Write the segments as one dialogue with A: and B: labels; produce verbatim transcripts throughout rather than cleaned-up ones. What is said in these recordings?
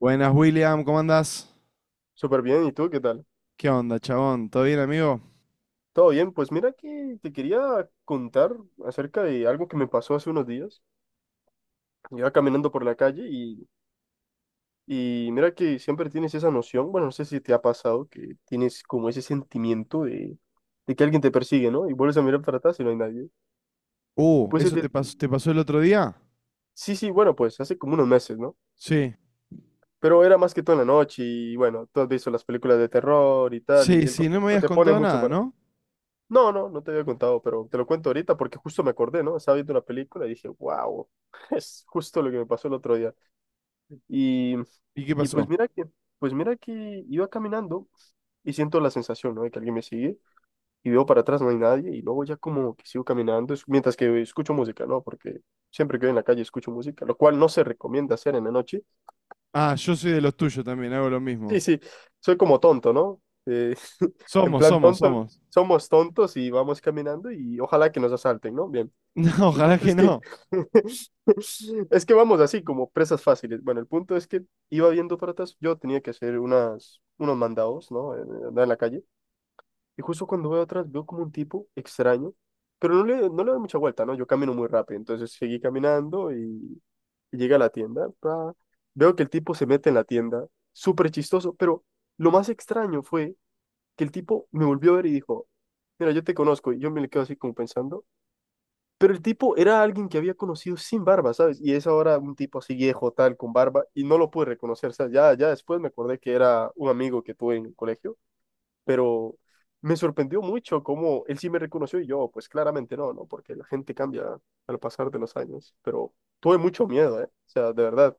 A: Buenas, William, ¿cómo andás?
B: Súper bien, ¿y tú qué tal?
A: ¿Qué onda, chabón? ¿Todo bien, amigo?
B: Todo bien, pues mira que te quería contar acerca de algo que me pasó hace unos días. Iba caminando por la calle y, y mira que siempre tienes esa noción, bueno, no sé si te ha pasado, que tienes como ese sentimiento de, de que alguien te persigue, ¿no? Y vuelves a mirar para atrás y no hay nadie.
A: Uh,
B: Pues el
A: ¿eso
B: de-
A: te pasó, te pasó el otro día?
B: sí, sí, bueno, pues hace como unos meses, ¿no?
A: Sí.
B: Pero era más que todo en la noche y bueno, tú has visto las películas de terror y tal,
A: Sí,
B: y el
A: sí, no me
B: contexto
A: habías
B: te pone
A: contado
B: mucho
A: nada,
B: para…
A: ¿no?
B: No, no, no te había contado, pero te lo cuento ahorita porque justo me acordé, ¿no? Estaba viendo una película y dije, wow, es justo lo que me pasó el otro día. Y,
A: ¿Y qué
B: y pues
A: pasó?
B: mira que, pues mira que iba caminando y siento la sensación, ¿no? De que alguien me sigue y veo para atrás no hay nadie y luego ya como que sigo caminando es- mientras que escucho música, ¿no? Porque siempre que voy en la calle escucho música, lo cual no se recomienda hacer en la noche.
A: Ah, yo soy de los tuyos también, hago lo
B: Sí,
A: mismo.
B: sí, soy como tonto, ¿no? Eh, en
A: Somos,
B: plan
A: somos,
B: tonto,
A: somos.
B: somos tontos y vamos caminando y ojalá que nos asalten, ¿no? Bien.
A: No,
B: El
A: ojalá
B: punto
A: que
B: es que,
A: no.
B: es que vamos así, como presas fáciles. Bueno, el punto es que iba viendo para atrás, yo tenía que hacer unas, unos mandados, ¿no? Eh, eh, andar en la calle. Y justo cuando veo atrás, veo como un tipo extraño, pero no le, no le doy mucha vuelta, ¿no? Yo camino muy rápido, entonces seguí caminando y, y llegué a la tienda. Pa. Veo que el tipo se mete en la tienda, súper chistoso, pero lo más extraño fue que el tipo me volvió a ver y dijo, mira, yo te conozco. Y yo me le quedo así como pensando. Pero el tipo era alguien que había conocido sin barba, ¿sabes? Y es ahora un tipo así viejo, tal, con barba, y no lo pude reconocer, ¿sabes? Ya, ya después me acordé que era un amigo que tuve en el colegio, pero me sorprendió mucho cómo él sí me reconoció y yo, pues claramente no, ¿no? Porque la gente cambia al pasar de los años, pero tuve mucho miedo, ¿eh? O sea, de verdad,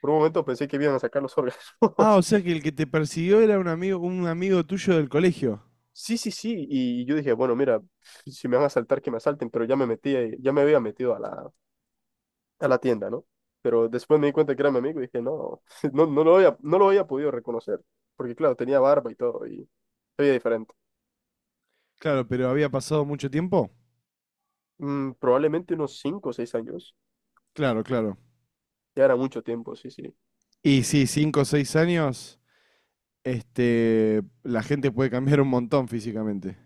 B: por un momento pensé que iban a sacar los órganos.
A: Ah, o sea que el que te persiguió era un amigo, un amigo tuyo del colegio.
B: Sí, sí, sí, y yo dije, bueno, mira, si me van a asaltar, que me asalten, pero ya me metí, ya me había metido a la a la tienda, ¿no? Pero después me di cuenta que era mi amigo y dije, no, no, no lo había, no lo había podido reconocer, porque claro, tenía barba y todo y se veía diferente.
A: Claro, pero había pasado mucho tiempo.
B: Mm, probablemente unos cinco o seis años,
A: Claro, claro.
B: ya era mucho tiempo, sí, sí.
A: Y sí, cinco o seis años, este, la gente puede cambiar un montón físicamente.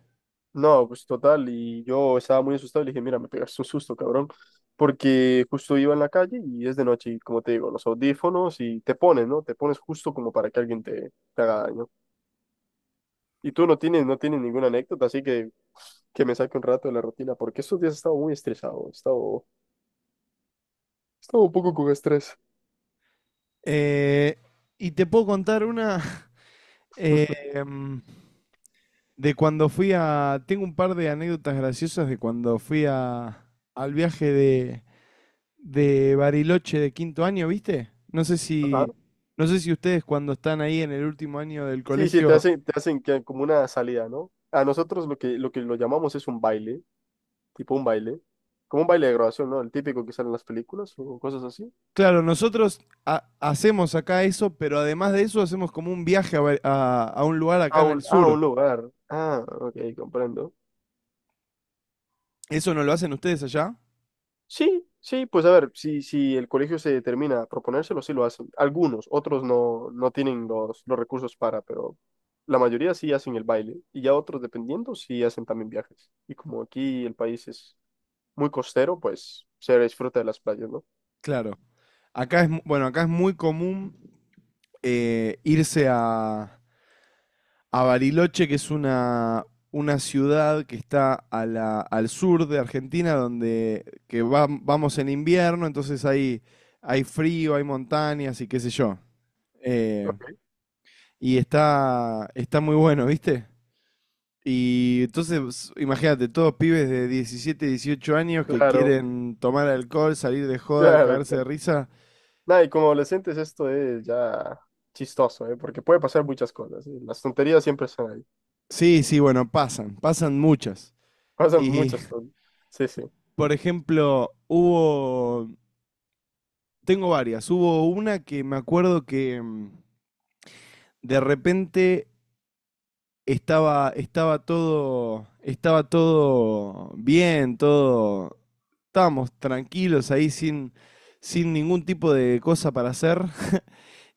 B: No, pues total, y yo estaba muy asustado y le dije, mira, me pegaste un susto, cabrón, porque justo iba en la calle y es de noche y como te digo, los audífonos y te pones, ¿no? Te pones justo como para que alguien te, te haga daño. Y tú no tienes, no tienes ninguna anécdota, así que que me saque un rato de la rutina, porque estos días he estado muy estresado, he estado estaba un poco con estrés.
A: Eh, y te puedo contar una Eh, em, de cuando fui a... Tengo un par de anécdotas graciosas de cuando fui a, al viaje de, de, Bariloche de quinto año, ¿viste? No sé
B: Ajá.
A: si, no sé si ustedes cuando están ahí en el último año del
B: Sí, sí, te
A: colegio...
B: hacen, te hacen que como una salida, ¿no? A nosotros lo que, lo que lo llamamos es un baile, tipo un baile, como un baile de grabación, ¿no? El típico que sale en las películas o cosas así.
A: Claro, nosotros ha- hacemos acá eso, pero además de eso hacemos como un viaje a, Ba- a- a un lugar acá
B: A
A: en el
B: un, a
A: sur.
B: un lugar. Ah, ok, comprendo.
A: ¿Eso no lo hacen ustedes allá?
B: Sí, sí, pues a ver, si, si el colegio se determina a proponérselo, sí lo hacen. Algunos, otros no, no tienen los, los recursos para, pero la mayoría sí hacen el baile. Y ya otros, dependiendo, sí hacen también viajes. Y como aquí el país es muy costero, pues se disfruta de las playas, ¿no?
A: Claro. Acá es, mu- bueno, acá es muy común, eh, irse a a Bariloche, que es una, una ciudad que está a la, al sur de Argentina, donde que va- vamos en invierno, entonces hay, hay frío, hay montañas y qué sé yo. Eh,
B: Ok.
A: y está, está muy bueno, ¿viste? Y entonces, imagínate, todos pibes de diecisiete, dieciocho años que
B: Claro,
A: quieren tomar alcohol, salir de joda,
B: claro,
A: cagarse
B: claro.
A: de risa.
B: Nada, y como adolescentes esto es ya chistoso, ¿eh? Porque puede pasar muchas cosas, ¿eh? Las tonterías siempre están ahí.
A: Sí, sí, bueno, pasan, pasan muchas.
B: Pasan
A: Y,
B: muchas tonterías. Sí, sí.
A: por ejemplo, hubo tengo varias. Hubo una que me acuerdo que mm, de repente estaba, estaba todo, estaba todo bien, todo. Estábamos tranquilos ahí sin, sin ningún tipo de cosa para hacer.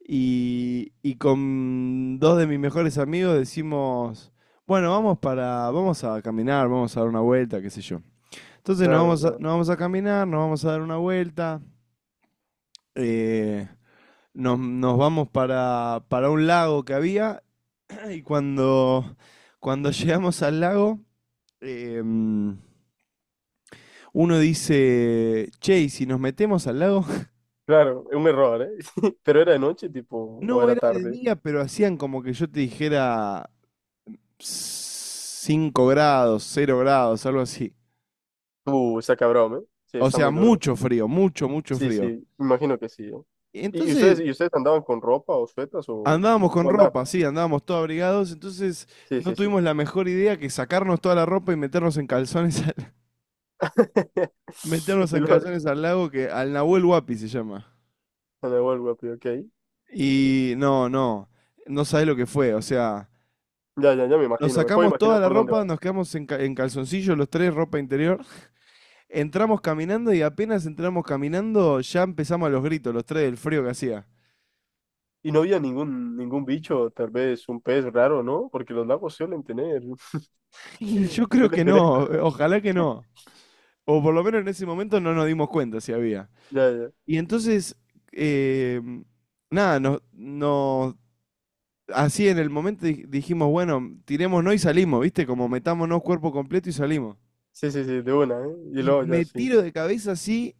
A: Y, y con dos de mis mejores amigos decimos, bueno, vamos para, vamos a caminar, vamos a dar una vuelta, qué sé yo. Entonces nos
B: Claro,
A: vamos a,
B: claro.
A: nos vamos a caminar, nos vamos a dar una vuelta. eh, nos, nos vamos para, para un lago que había y cuando, cuando llegamos al lago, eh, uno dice, che, ¿y si nos metemos al lago?
B: Claro, un error, ¿eh? Pero era de noche, tipo, o
A: No,
B: era
A: era de
B: tarde.
A: día, pero hacían como que yo te dijera cinco grados, cero grados, algo así.
B: Uh, está cabrón, ¿eh? Sí,
A: O
B: está
A: sea,
B: muy duro.
A: mucho frío, mucho, mucho
B: Sí,
A: frío.
B: sí, imagino que sí, ¿eh?
A: Y
B: ¿Y y
A: entonces
B: ustedes, y ustedes andaban con ropa o suetas o,
A: andábamos con
B: o andaban?
A: ropa, sí, andábamos todos abrigados, entonces
B: Sí,
A: no
B: sí, sí.
A: tuvimos la mejor idea que sacarnos toda la ropa y meternos en calzones meter unos
B: Y luego,
A: zancazones al lago que al Nahuel Huapi se llama.
B: me vuelvo, ok.
A: Y no, no, no sabés lo que fue. O sea,
B: Ya, ya, ya me
A: nos
B: imagino, me puedo
A: sacamos toda
B: imaginar
A: la
B: por dónde va.
A: ropa, nos quedamos en, ca- en calzoncillos los tres, ropa interior. Entramos caminando y apenas entramos caminando ya empezamos a los gritos, los tres del frío que hacía.
B: Y no había ningún, ningún bicho, tal vez un pez raro, ¿no? Porque los lagos suelen tener,
A: Y yo creo
B: suelen
A: que
B: tener,
A: no,
B: co-
A: ojalá que no. O por lo menos en ese momento no nos dimos cuenta si había.
B: ya, ya.
A: Y entonces, eh, nada, nos, nos así en el momento dij- dijimos, bueno, tirémonos y salimos, ¿viste? Como metámonos cuerpo completo y salimos.
B: Sí, sí, sí, de una, ¿eh? Y
A: Y
B: luego ya
A: me
B: sí.
A: tiro de cabeza así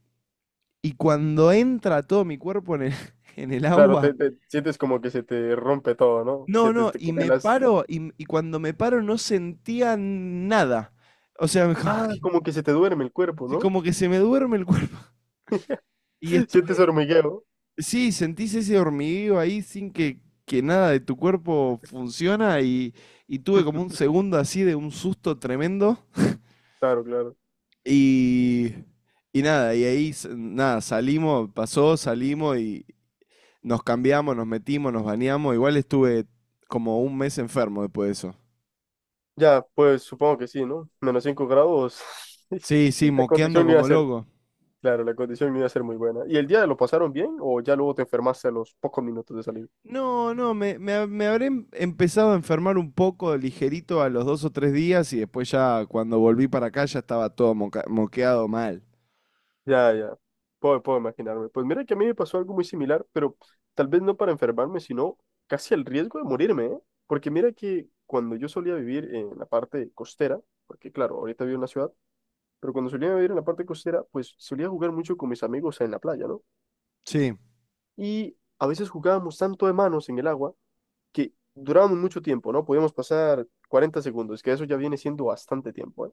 A: y cuando entra todo mi cuerpo en el, en el
B: Claro, te,
A: agua,
B: te sientes como que se te rompe todo, ¿no?
A: no,
B: Sientes,
A: no,
B: te
A: y me
B: congelas.
A: paro y, y cuando me paro no sentía nada. O sea, como
B: Ah,
A: que,
B: como que se te duerme el cuerpo,
A: sí,
B: ¿no?
A: como que se me duerme el cuerpo. Y
B: Sientes
A: estuve,
B: hormigueo.
A: sí, sentís ese hormigueo ahí sin que, que nada de tu cuerpo funciona y, y tuve como un segundo así de un susto tremendo.
B: Claro, claro.
A: Y, y nada, y ahí s- nada, salimos, pasó, salimos y nos cambiamos, nos metimos, nos bañamos. Igual estuve como un mes enfermo después de eso.
B: Ya, pues supongo que sí, ¿no? Menos cinco grados.
A: Sí, sí,
B: La
A: moqueando
B: condición no iba a
A: como
B: ser,
A: loco.
B: claro, la condición no iba a ser muy buena. ¿Y el día lo pasaron bien o ya luego te enfermaste a los pocos minutos de salir?
A: No, no, me, me ha- me habré em- empezado a enfermar un poco ligerito a los dos o tres días y después ya cuando volví para acá ya estaba todo moca- moqueado mal.
B: Ya, ya. Puedo, puedo imaginarme. Pues mira que a mí me pasó algo muy similar, pero tal vez no para enfermarme, sino casi al riesgo de morirme, ¿eh? Porque mira que cuando yo solía vivir en la parte costera, porque claro, ahorita vivo en la ciudad, pero cuando solía vivir en la parte costera, pues solía jugar mucho con mis amigos en la playa, ¿no?
A: Sí.
B: Y a veces jugábamos tanto de manos en el agua que durábamos mucho tiempo, ¿no? Podíamos pasar cuarenta segundos, que eso ya viene siendo bastante tiempo, ¿eh?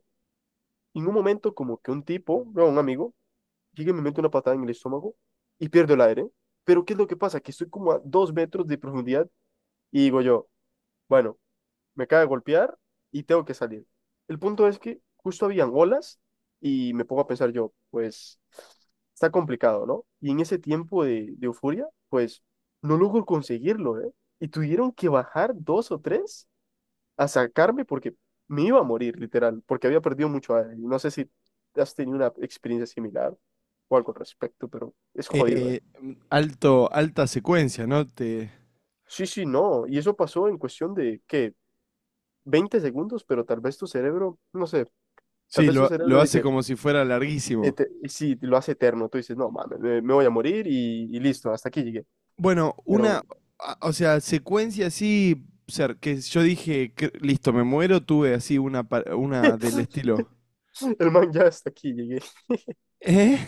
B: Y en un momento como que un tipo, bueno, un amigo, llego y me meto una patada en el estómago y pierdo el aire. Pero ¿qué es lo que pasa? Que estoy como a dos metros de profundidad y digo yo, bueno, me acaba de golpear y tengo que salir. El punto es que justo habían olas y me pongo a pensar yo, pues está complicado, ¿no? Y en ese tiempo de, de euforia, pues no logro conseguirlo, ¿eh? Y tuvieron que bajar dos o tres a sacarme porque me iba a morir, literal, porque había perdido mucho aire. No sé si has tenido una experiencia similar o algo al respecto, pero es jodido, ¿eh?
A: Eh, m- alto, alta secuencia, ¿no? Te,
B: Sí, sí, no. Y eso pasó en cuestión de, ¿qué? Veinte segundos, pero tal vez tu cerebro, no sé, tal
A: sí,
B: vez tu
A: lo, lo
B: cerebro
A: hace
B: dice,
A: como si fuera
B: eh,
A: larguísimo.
B: te- y si lo hace eterno, tú dices, no, mames, me, me voy a morir y, y listo, hasta aquí llegué.
A: Bueno,
B: Pero
A: una, a- o sea, secuencia así, o sea, que yo dije, "Cre- listo, me muero", tuve así una, pa- una del estilo.
B: el man ya hasta aquí llegué.
A: ¿Eh?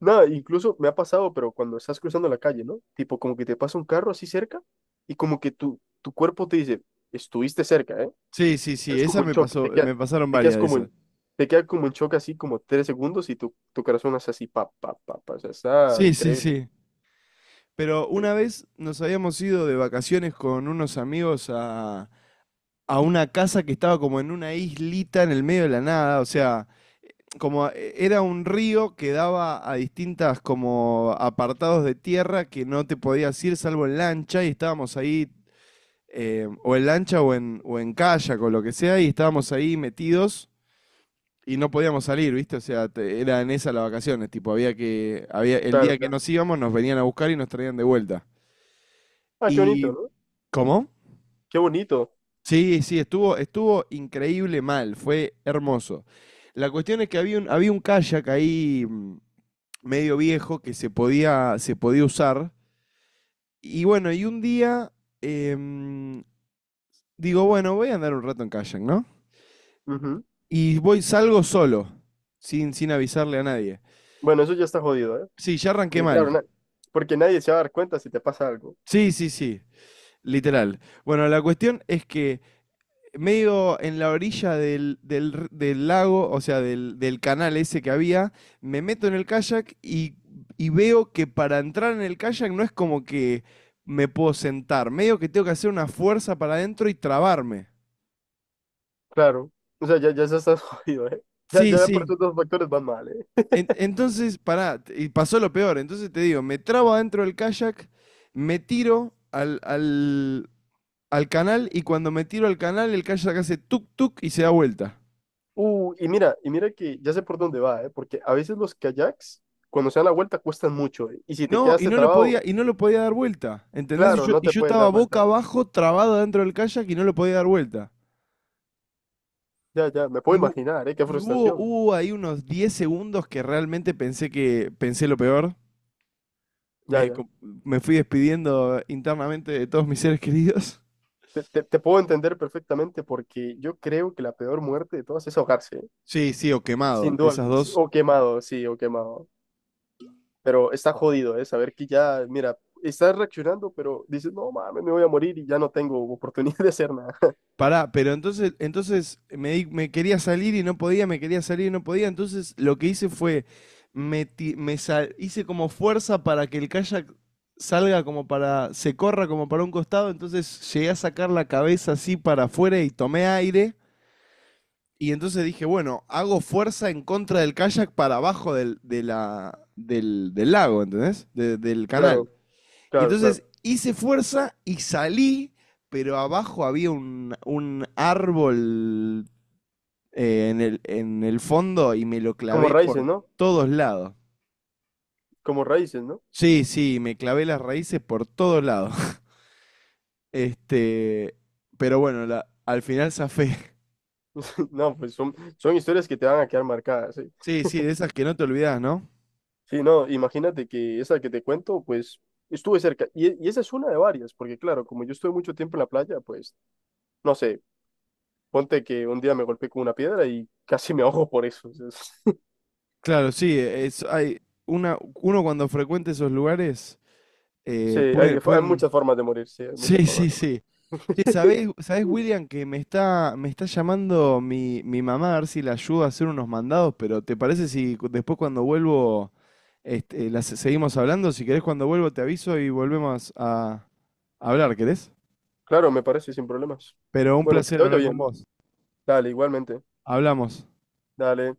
B: Nada, incluso me ha pasado, pero cuando estás cruzando la calle, ¿no? Tipo, como que te pasa un carro así cerca y como que tu, tu cuerpo te dice, estuviste cerca, ¿eh?
A: Sí, sí, sí,
B: Es
A: esa
B: como en
A: me
B: shock,
A: pasó,
B: te quedas,
A: me pasaron
B: te quedas
A: varias de
B: como
A: esas.
B: en, te quedas como en shock así como tres segundos y tu, tu corazón hace así, pa, pa, pa, pa, o sea, está
A: Sí, sí,
B: increíble.
A: sí. Pero
B: Sí,
A: una vez nos habíamos ido de vacaciones con unos amigos a, a una casa que estaba como en una islita en el medio de la nada, o sea, como eh, era un río que daba a distintas como apartados de tierra que no te podías ir salvo en lancha y estábamos ahí eh, o en lancha o en, o en kayak o lo que sea y estábamos ahí metidos y no podíamos salir, ¿viste? O sea, te- era en esas las vacaciones, tipo, había que, había, el
B: claro,
A: día que
B: claro.
A: nos íbamos nos venían a buscar y nos traían de vuelta.
B: Ah, qué
A: Y,
B: bonito, ¿no?
A: ¿cómo?
B: Qué bonito.
A: Sí, sí, estuvo, estuvo increíble mal, fue hermoso. La cuestión es que había un, había un kayak ahí mm, medio viejo que se podía, se podía usar. Y bueno, y un día, em, digo, bueno, voy a andar un rato en kayak, ¿no?
B: Ujú.
A: Y voy, salgo solo, sin, sin avisarle a nadie.
B: Bueno, eso ya está jodido, ¿eh?
A: Sí, ya arranqué
B: Porque claro,
A: mal.
B: na- porque nadie se va a dar cuenta si te pasa algo.
A: Sí, sí, sí, literal. Bueno, la cuestión es que medio en la orilla del, del r- del lago, o sea, del, del canal ese que había, me meto en el kayak y, y veo que para entrar en el kayak no es como que me puedo sentar, medio que tengo que hacer una fuerza para adentro y trabarme.
B: Claro. O sea, ya, ya estás jodido, ¿eh? Ya,
A: Sí,
B: ya por
A: sí.
B: esos dos factores van mal, ¿eh?
A: En- entonces, pará, t- y pasó lo peor, entonces te digo, me trabo adentro del kayak, me tiro al, al, al canal y cuando me tiro al canal el kayak hace tuk tuk y se da vuelta.
B: Uh, y mira, y mira que ya sé por dónde va, ¿eh? Porque a veces los kayaks, cuando se dan la vuelta, cuestan mucho, ¿eh? Y si te
A: No, y
B: quedaste
A: no lo
B: trabado,
A: podía, y no lo podía dar vuelta, ¿entendés? Y
B: claro,
A: yo,
B: no
A: y
B: te
A: yo
B: puedes
A: estaba
B: dar
A: boca
B: vuelta.
A: abajo, trabado dentro del kayak y no lo podía dar vuelta.
B: Ya, ya, me puedo
A: Y, hu-
B: imaginar, ¿eh? Qué
A: y hubo,
B: frustración.
A: hubo ahí unos diez segundos que realmente pensé que pensé lo peor.
B: Ya,
A: Me,
B: ya.
A: co- me fui despidiendo internamente de todos mis seres queridos.
B: Te, te- te puedo entender perfectamente porque yo creo que la peor muerte de todas es ahogarse, ¿eh?
A: Sí, sí, o
B: Sin
A: quemado.
B: duda
A: Esas
B: alguna. Sí,
A: dos.
B: o quemado, sí, o quemado. Pero está jodido, ¿eh? Saber que ya, mira, estás reaccionando, pero dices, no mames, me voy a morir y ya no tengo oportunidad de hacer nada.
A: Pará, pero entonces, entonces me, di- me quería salir y no podía, me quería salir y no podía. Entonces lo que hice fue, me, ti- me sal- hice como fuerza para que el kayak salga como para, se corra como para un costado. Entonces llegué a sacar la cabeza así para afuera y tomé aire. Y entonces dije, bueno, hago fuerza en contra del kayak para abajo del, de la, del, del lago, ¿entendés? De- del
B: Claro,
A: canal. Y
B: claro, claro.
A: entonces hice fuerza y salí, pero abajo había un, un árbol, eh, en el, en el fondo y me lo
B: Como
A: clavé
B: raíces,
A: por
B: ¿no?
A: todos lados.
B: Como raíces, ¿no?
A: Sí, sí, me clavé las raíces por todos lados. Este, pero bueno, la- al final zafé.
B: No, pues son, son historias que te van a quedar marcadas, sí.
A: Sí, sí, de esas que no te olvidas, ¿no?
B: Sí, no, imagínate que esa que te cuento, pues estuve cerca. Y, y esa es una de varias, porque claro, como yo estuve mucho tiempo en la playa, pues no sé, ponte que un día me golpeé con una piedra y casi me ahogo por eso. O sea, es-
A: Claro, sí, es, hay una, uno cuando frecuenta esos lugares,
B: sí,
A: eh,
B: hay,
A: puede-
B: hay
A: pueden,
B: muchas formas de morir, sí, hay muchas
A: sí,
B: formas
A: sí,
B: de
A: sí. Che,
B: morir.
A: ¿sabés, sabés, William, que me está, me está llamando mi, mi mamá a ver si le ayudo a hacer unos mandados, pero ¿te parece si cu- después cuando vuelvo, este, las seguimos hablando? Si querés cuando vuelvo te aviso y volvemos a a hablar, ¿querés?
B: Claro, me parece sin problemas.
A: Pero un
B: Bueno, que
A: placer
B: te vaya
A: hablar
B: bien.
A: con
B: ¿No?
A: vos.
B: Dale, igualmente.
A: Hablamos.
B: Dale.